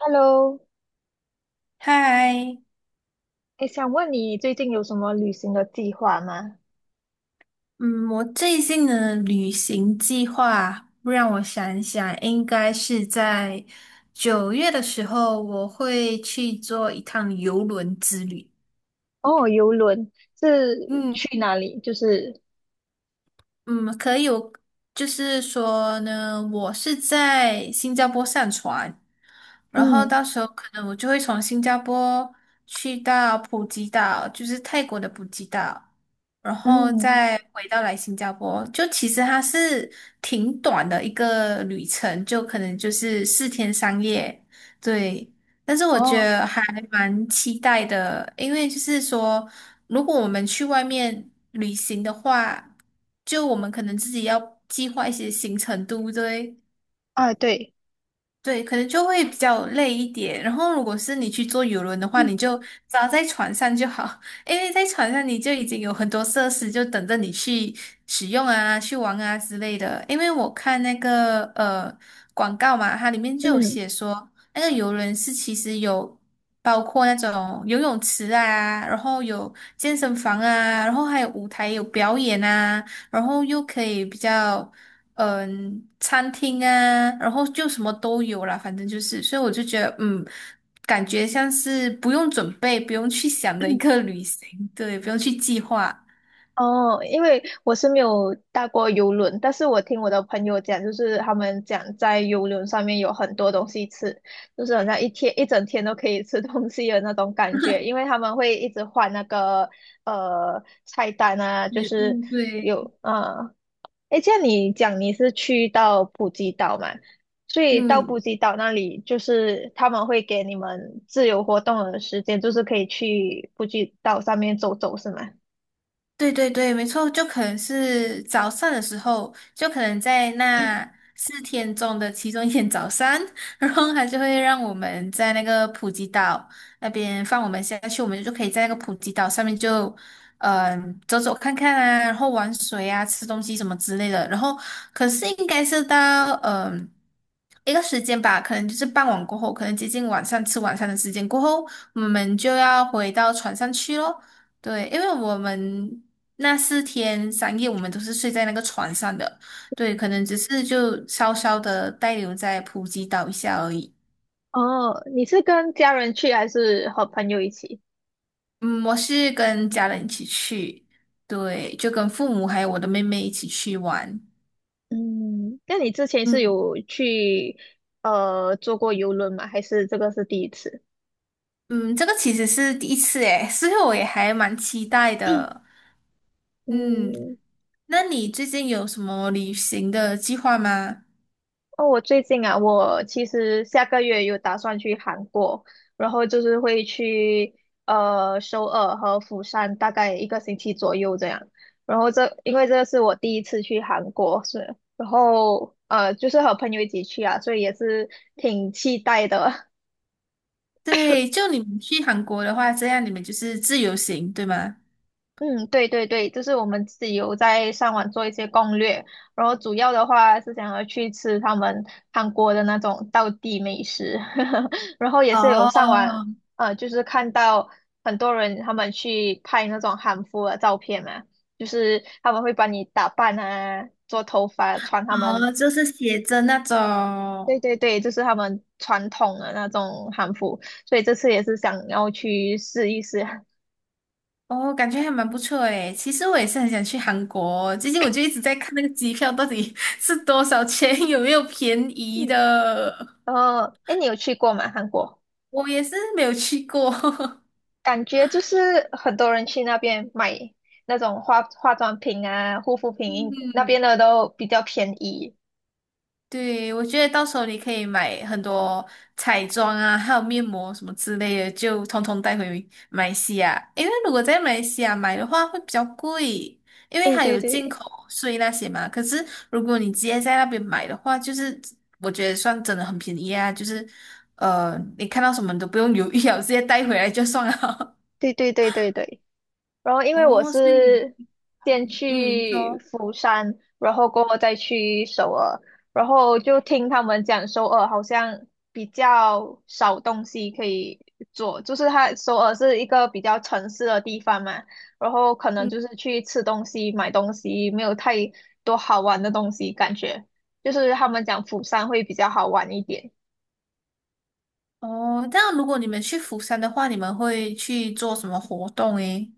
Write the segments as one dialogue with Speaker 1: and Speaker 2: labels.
Speaker 1: Hello，
Speaker 2: 嗨，
Speaker 1: 诶，想问你最近有什么旅行的计划吗？
Speaker 2: 嗯，我最近的旅行计划，让我想一想，应该是在9月的时候，我会去做一趟游轮之旅。
Speaker 1: 哦，游轮是
Speaker 2: 嗯，
Speaker 1: 去哪里？就是，
Speaker 2: 嗯，可以，我就是说呢，我是在新加坡上船，然后
Speaker 1: 嗯
Speaker 2: 到时候可能我就会从新加坡去到普吉岛，就是泰国的普吉岛，然后
Speaker 1: 嗯，
Speaker 2: 再回到来新加坡。就其实它是挺短的一个旅程，就可能就是四天三夜，对。但是我觉
Speaker 1: 哦，
Speaker 2: 得还蛮期待的，因为就是说。如果我们去外面旅行的话，就我们可能自己要计划一些行程，对不对？
Speaker 1: 啊，对，
Speaker 2: 对，可能就会比较累一点。然后，如果是你去坐游轮的话，
Speaker 1: 嗯
Speaker 2: 你就只要在船上就好，因为在船上你就已经有很多设施，就等着你去使用啊、去玩啊之类的。因为我看那个广告嘛，它里面就有
Speaker 1: 嗯，
Speaker 2: 写说，那个游轮是其实有包括那种游泳池啊，然后有健身房啊，然后还有舞台有表演啊，然后又可以比较。餐厅啊，然后就什么都有啦，反正就是，所以我就觉得，感觉像是不用准备、不用去想的一
Speaker 1: 嗯
Speaker 2: 个旅行，对，不用去计划。
Speaker 1: 哦，因为我是没有搭过游轮，但是我听我的朋友讲，就是他们讲在游轮上面有很多东西吃，就是好像一天一整天都可以吃东西的那种感觉，因为他们会一直换那个菜单啊，就
Speaker 2: 食
Speaker 1: 是
Speaker 2: 物，对，
Speaker 1: 有啊。诶，这样你讲你是去到普吉岛嘛？所以到普
Speaker 2: 嗯。
Speaker 1: 吉岛那里，就是他们会给你们自由活动的时间，就是可以去普吉岛上面走走，是吗？
Speaker 2: 对对对，没错，就可能是早上的时候，就可能在那四天中的其中1天早上，然后他就会让我们在那个普吉岛那边放我们下去，我们就可以在那个普吉岛上面就，走走看看啊，然后玩水啊，吃东西什么之类的。然后可是应该是到一个时间吧，可能就是傍晚过后，可能接近晚上吃晚餐的时间过后，我们就要回到船上去咯。对，因为我们那四天三夜，我们都是睡在那个船上的，对，可能只是就稍稍的滞留在普吉岛一下而已。
Speaker 1: 哦，你是跟家人去还是和朋友一起？
Speaker 2: 嗯，我是跟家人一起去，对，就跟父母还有我的妹妹一起去玩。
Speaker 1: 嗯，那你之前是
Speaker 2: 嗯
Speaker 1: 有去坐过游轮吗？还是这个是第一次？
Speaker 2: 嗯，这个其实是第1次诶，所以我也还蛮期待的。嗯，
Speaker 1: 嗯。
Speaker 2: 那你最近有什么旅行的计划吗？
Speaker 1: 哦，我最近啊，我其实下个月有打算去韩国，然后就是会去首尔和釜山，大概一个星期左右这样。然后因为这是我第一次去韩国，是，然后就是和朋友一起去啊，所以也是挺期待的。
Speaker 2: 对，就你们去韩国的话，这样你们就是自由行，对吗？
Speaker 1: 嗯，对对对，就是我们自己有在上网做一些攻略，然后主要的话是想要去吃他们韩国的那种道地美食。然后也是有上网，
Speaker 2: 哦，
Speaker 1: 就是看到很多人他们去拍那种韩服的照片嘛，就是他们会帮你打扮啊，做头发，穿他们，
Speaker 2: 哦，就是写着那种，
Speaker 1: 对对对，就是他们传统的那种韩服，所以这次也是想要去试一试。
Speaker 2: 哦，感觉还蛮不错诶。其实我也是很想去韩国，最近我就一直在看那个机票到底 是多少钱，有没有便宜
Speaker 1: 嗯，
Speaker 2: 的。
Speaker 1: 然后，哎，你有去过吗？韩国？
Speaker 2: 我也是没有去过，
Speaker 1: 感觉就是很多人去那边买那种化化妆品啊、护肤 品，那边
Speaker 2: 嗯，
Speaker 1: 的都比较便宜。
Speaker 2: 对，我觉得到时候你可以买很多彩妆啊，还有面膜什么之类的，就通通带回马来西亚。因为如果在马来西亚买的话会比较贵，因为
Speaker 1: 对
Speaker 2: 它
Speaker 1: 对
Speaker 2: 有进
Speaker 1: 对
Speaker 2: 口税那些嘛。可是如果你直接在那边买的话，就是我觉得算真的很便宜啊，就是你看到什么你都不用犹豫了，直接带回来就算了。
Speaker 1: 对对对对对。然后 因为我
Speaker 2: 哦，所以你，
Speaker 1: 是
Speaker 2: 哎，
Speaker 1: 先去
Speaker 2: 说。
Speaker 1: 釜山，然后过后再去首尔，然后就听他们讲首尔好像比较少东西可以做，就是它首尔是一个比较城市的地方嘛，然后可能
Speaker 2: 嗯，
Speaker 1: 就是去吃东西、买东西，没有太多好玩的东西，感觉就是他们讲釜山会比较好玩一点。
Speaker 2: 哦，这样如果你们去釜山的话，你们会去做什么活动诶？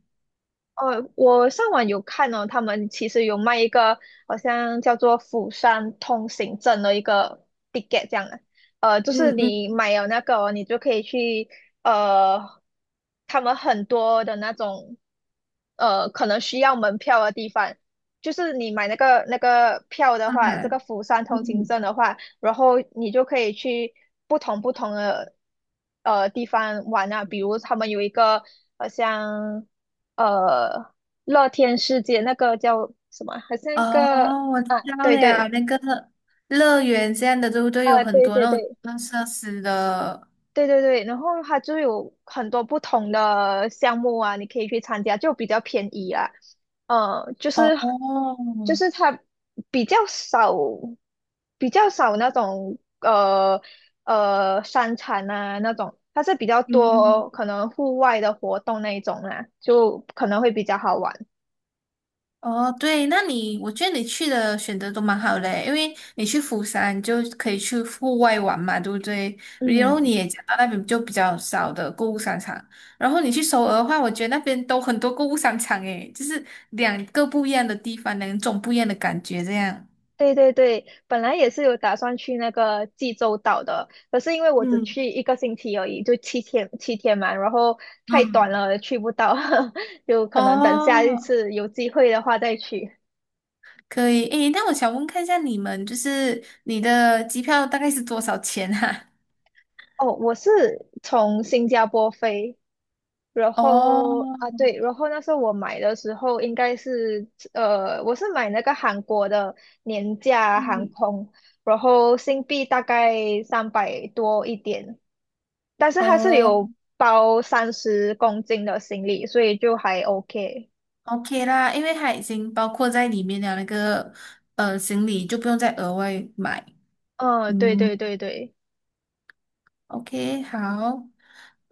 Speaker 1: 我上网有看哦，他们其实有卖一个好像叫做釜山通行证的一个 ticket 这样的，就是
Speaker 2: 嗯嗯，
Speaker 1: 你买了那个哦你就可以去，呃，他们很多的那种可能需要门票的地方，就是你买那个票的话，这
Speaker 2: 哎，
Speaker 1: 个釜山通行
Speaker 2: 嗯，
Speaker 1: 证的话，然后你就可以去不同的地方玩啊，比如他们有一个好像呃乐天世界那个叫什么，好像一个
Speaker 2: 哦，我知
Speaker 1: 啊，
Speaker 2: 道
Speaker 1: 对
Speaker 2: 了呀，
Speaker 1: 对
Speaker 2: 那个乐园这样的，对不对？有
Speaker 1: 啊，
Speaker 2: 很
Speaker 1: 对
Speaker 2: 多
Speaker 1: 对
Speaker 2: 那种
Speaker 1: 对，
Speaker 2: 娱乐设施的。
Speaker 1: 对对对，然后它就有很多不同的项目啊，你可以去参加，就比较便宜啦。呃，就
Speaker 2: 哦，
Speaker 1: 是
Speaker 2: 哦
Speaker 1: 就是它比较少，比较少那种商场啊那种，它是比较
Speaker 2: 嗯，
Speaker 1: 多可能户外的活动那一种啦，就可能会比较好玩。
Speaker 2: 哦，对，那你，我觉得你去的选择都蛮好的，因为你去釜山就可以去户外玩嘛，对不对？然后你
Speaker 1: 嗯。
Speaker 2: 也讲到那边就比较少的购物商场，然后你去首尔的话，我觉得那边都很多购物商场，诶，就是2个不一样的地方，2种不一样的感觉，这样。
Speaker 1: 对对对，本来也是有打算去那个济州岛的，可是因为我只
Speaker 2: 嗯。
Speaker 1: 去一个星期而已，就七天七天嘛，然后太短
Speaker 2: 嗯，
Speaker 1: 了，去不到。有可能等下一
Speaker 2: 哦，
Speaker 1: 次有机会的话再去。
Speaker 2: 可以。诶，那我想问看一下你们，就是你的机票大概是多少钱啊？
Speaker 1: 哦，我是从新加坡飞，然
Speaker 2: 哦，
Speaker 1: 后啊对，然后那时候我买的时候应该是，我是买那个韩国的年价航
Speaker 2: 嗯，
Speaker 1: 空，然后新币大概300多一点。但是它是
Speaker 2: 哦
Speaker 1: 有包30公斤的行李，所以就还 OK。
Speaker 2: ，OK 啦，因为它已经包括在里面的那个行李，就不用再额外买。
Speaker 1: 嗯，对
Speaker 2: 嗯
Speaker 1: 对对对。
Speaker 2: ，OK，好。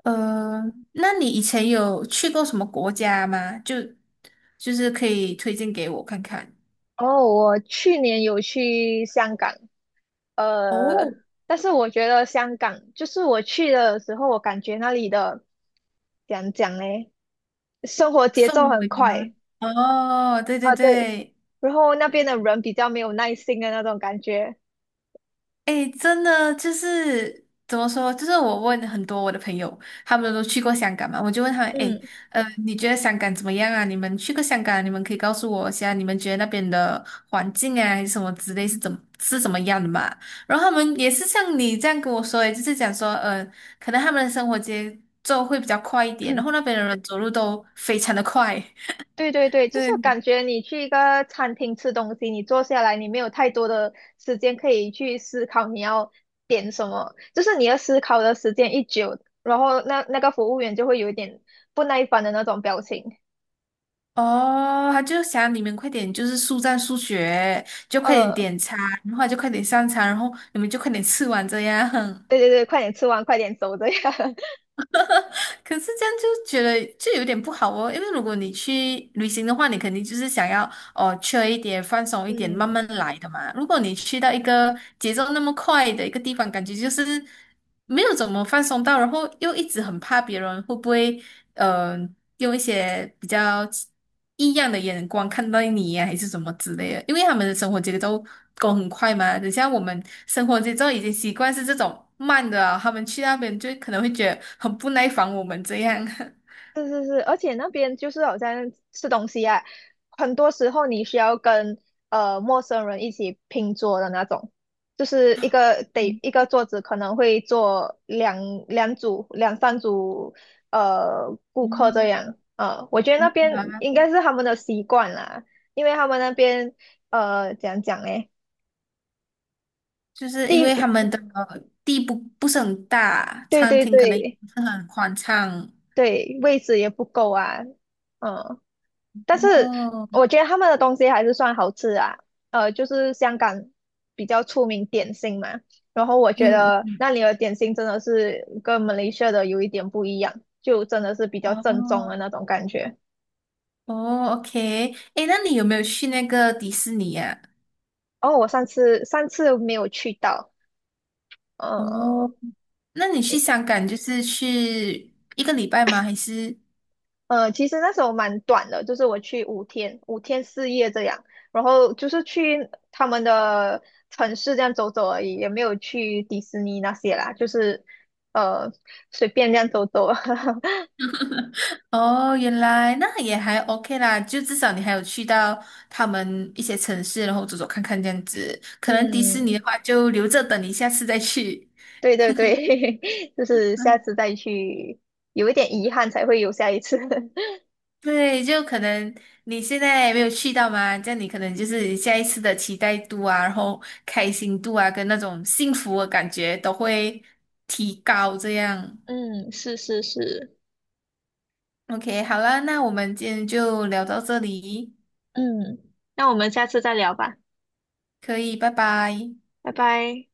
Speaker 2: 呃，那你以前有去过什么国家吗？就是可以推荐给我看看。
Speaker 1: 哦，我去年有去香港，呃，
Speaker 2: 哦，
Speaker 1: 但是我觉得香港就是我去的时候，我感觉那里的怎样讲嘞，生活节奏
Speaker 2: 氛
Speaker 1: 很
Speaker 2: 围吗？
Speaker 1: 快
Speaker 2: 哦，对对
Speaker 1: 啊，对，
Speaker 2: 对。
Speaker 1: 然后那边的人比较没有耐心的那种感觉，
Speaker 2: 哎，真的就是怎么说？就是我问很多我的朋友，他们都去过香港嘛，我就问他们，哎，
Speaker 1: 嗯。
Speaker 2: 你觉得香港怎么样啊？你们去过香港啊，你们可以告诉我一下，你们觉得那边的环境啊，还是什么之类是怎么样的嘛？然后他们也是像你这样跟我说，诶就是讲说，可能他们的生活节奏会比较快一点，然后 那边的人走路都非常的快，
Speaker 1: 对对对，就
Speaker 2: 对。
Speaker 1: 是感觉你去一个餐厅吃东西，你坐下来，你没有太多的时间可以去思考你要点什么，就是你要思考的时间一久，然后那个服务员就会有一点不耐烦的那种表情。
Speaker 2: 哦，他就想你们快点，就是速战速决，就快点
Speaker 1: 嗯，
Speaker 2: 点餐，然后就快点上餐，然后你们就快点吃完这样。
Speaker 1: 对对对，快点吃完，快点走这样。
Speaker 2: 可是这样就觉得就有点不好哦，因为如果你去旅行的话，你肯定就是想要哦，缺一点，放松一点，慢
Speaker 1: 嗯，
Speaker 2: 慢来的嘛。如果你去到一个节奏那么快的一个地方，感觉就是没有怎么放松到，然后又一直很怕别人会不会，用一些比较异样的眼光看到你呀、还是什么之类的。因为他们的生活节奏都很快嘛，等下我们生活节奏已经习惯是这种慢的啊他们去那边就可能会觉得很不耐烦我们这样。
Speaker 1: 是是是，而且那边就是好像吃东西啊，很多时候你需要跟陌生人一起拼桌的那种，就是一个桌子可能会坐两三组顾客这
Speaker 2: 嗯，
Speaker 1: 样，我觉得
Speaker 2: 明
Speaker 1: 那边
Speaker 2: 白
Speaker 1: 应该是他们的习惯啦，因为他们那边怎样讲嘞，
Speaker 2: 就是因为
Speaker 1: 地
Speaker 2: 他们的地不是很大，
Speaker 1: 对
Speaker 2: 餐
Speaker 1: 对
Speaker 2: 厅可能也
Speaker 1: 对
Speaker 2: 不是很宽敞。
Speaker 1: 对，位置也不够啊，嗯、但是
Speaker 2: 哦，
Speaker 1: 我觉得他们的东西还是算好吃啊，就是香港比较出名点心嘛，然后我觉
Speaker 2: 嗯，
Speaker 1: 得那里的点心真的是跟马来西亚的有一点不一样，就真的是比较
Speaker 2: 嗯
Speaker 1: 正宗的
Speaker 2: 哦，
Speaker 1: 那种感觉。
Speaker 2: 哦，OK，诶，那你有没有去那个迪士尼呀、
Speaker 1: 哦，我上次没有去到，呃，
Speaker 2: 哦，那你去香港就是去一个礼拜吗？还是？
Speaker 1: 其实那时候蛮短的，就是我去五天，5天4夜这样，然后就是去他们的城市这样走走而已，也没有去迪士尼那些啦，就是呃随便这样走走。
Speaker 2: 哦，原来那也还 OK 啦，就至少你还有去到他们一些城市，然后走走看看这样子。可能迪士
Speaker 1: 嗯，
Speaker 2: 尼的话，就留着等你下次再去。
Speaker 1: 对对对，就是
Speaker 2: 嗯。
Speaker 1: 下次再去，有一点遗憾才会有下一次。
Speaker 2: 对，就可能你现在没有去到嘛，这样你可能就是下一次的期待度啊，然后开心度啊，跟那种幸福的感觉都会提高。这样
Speaker 1: 嗯，是是是，
Speaker 2: ，OK，好啦，那我们今天就聊到这里，
Speaker 1: 嗯，那我们下次再聊吧，
Speaker 2: 可以，拜拜。
Speaker 1: 拜拜。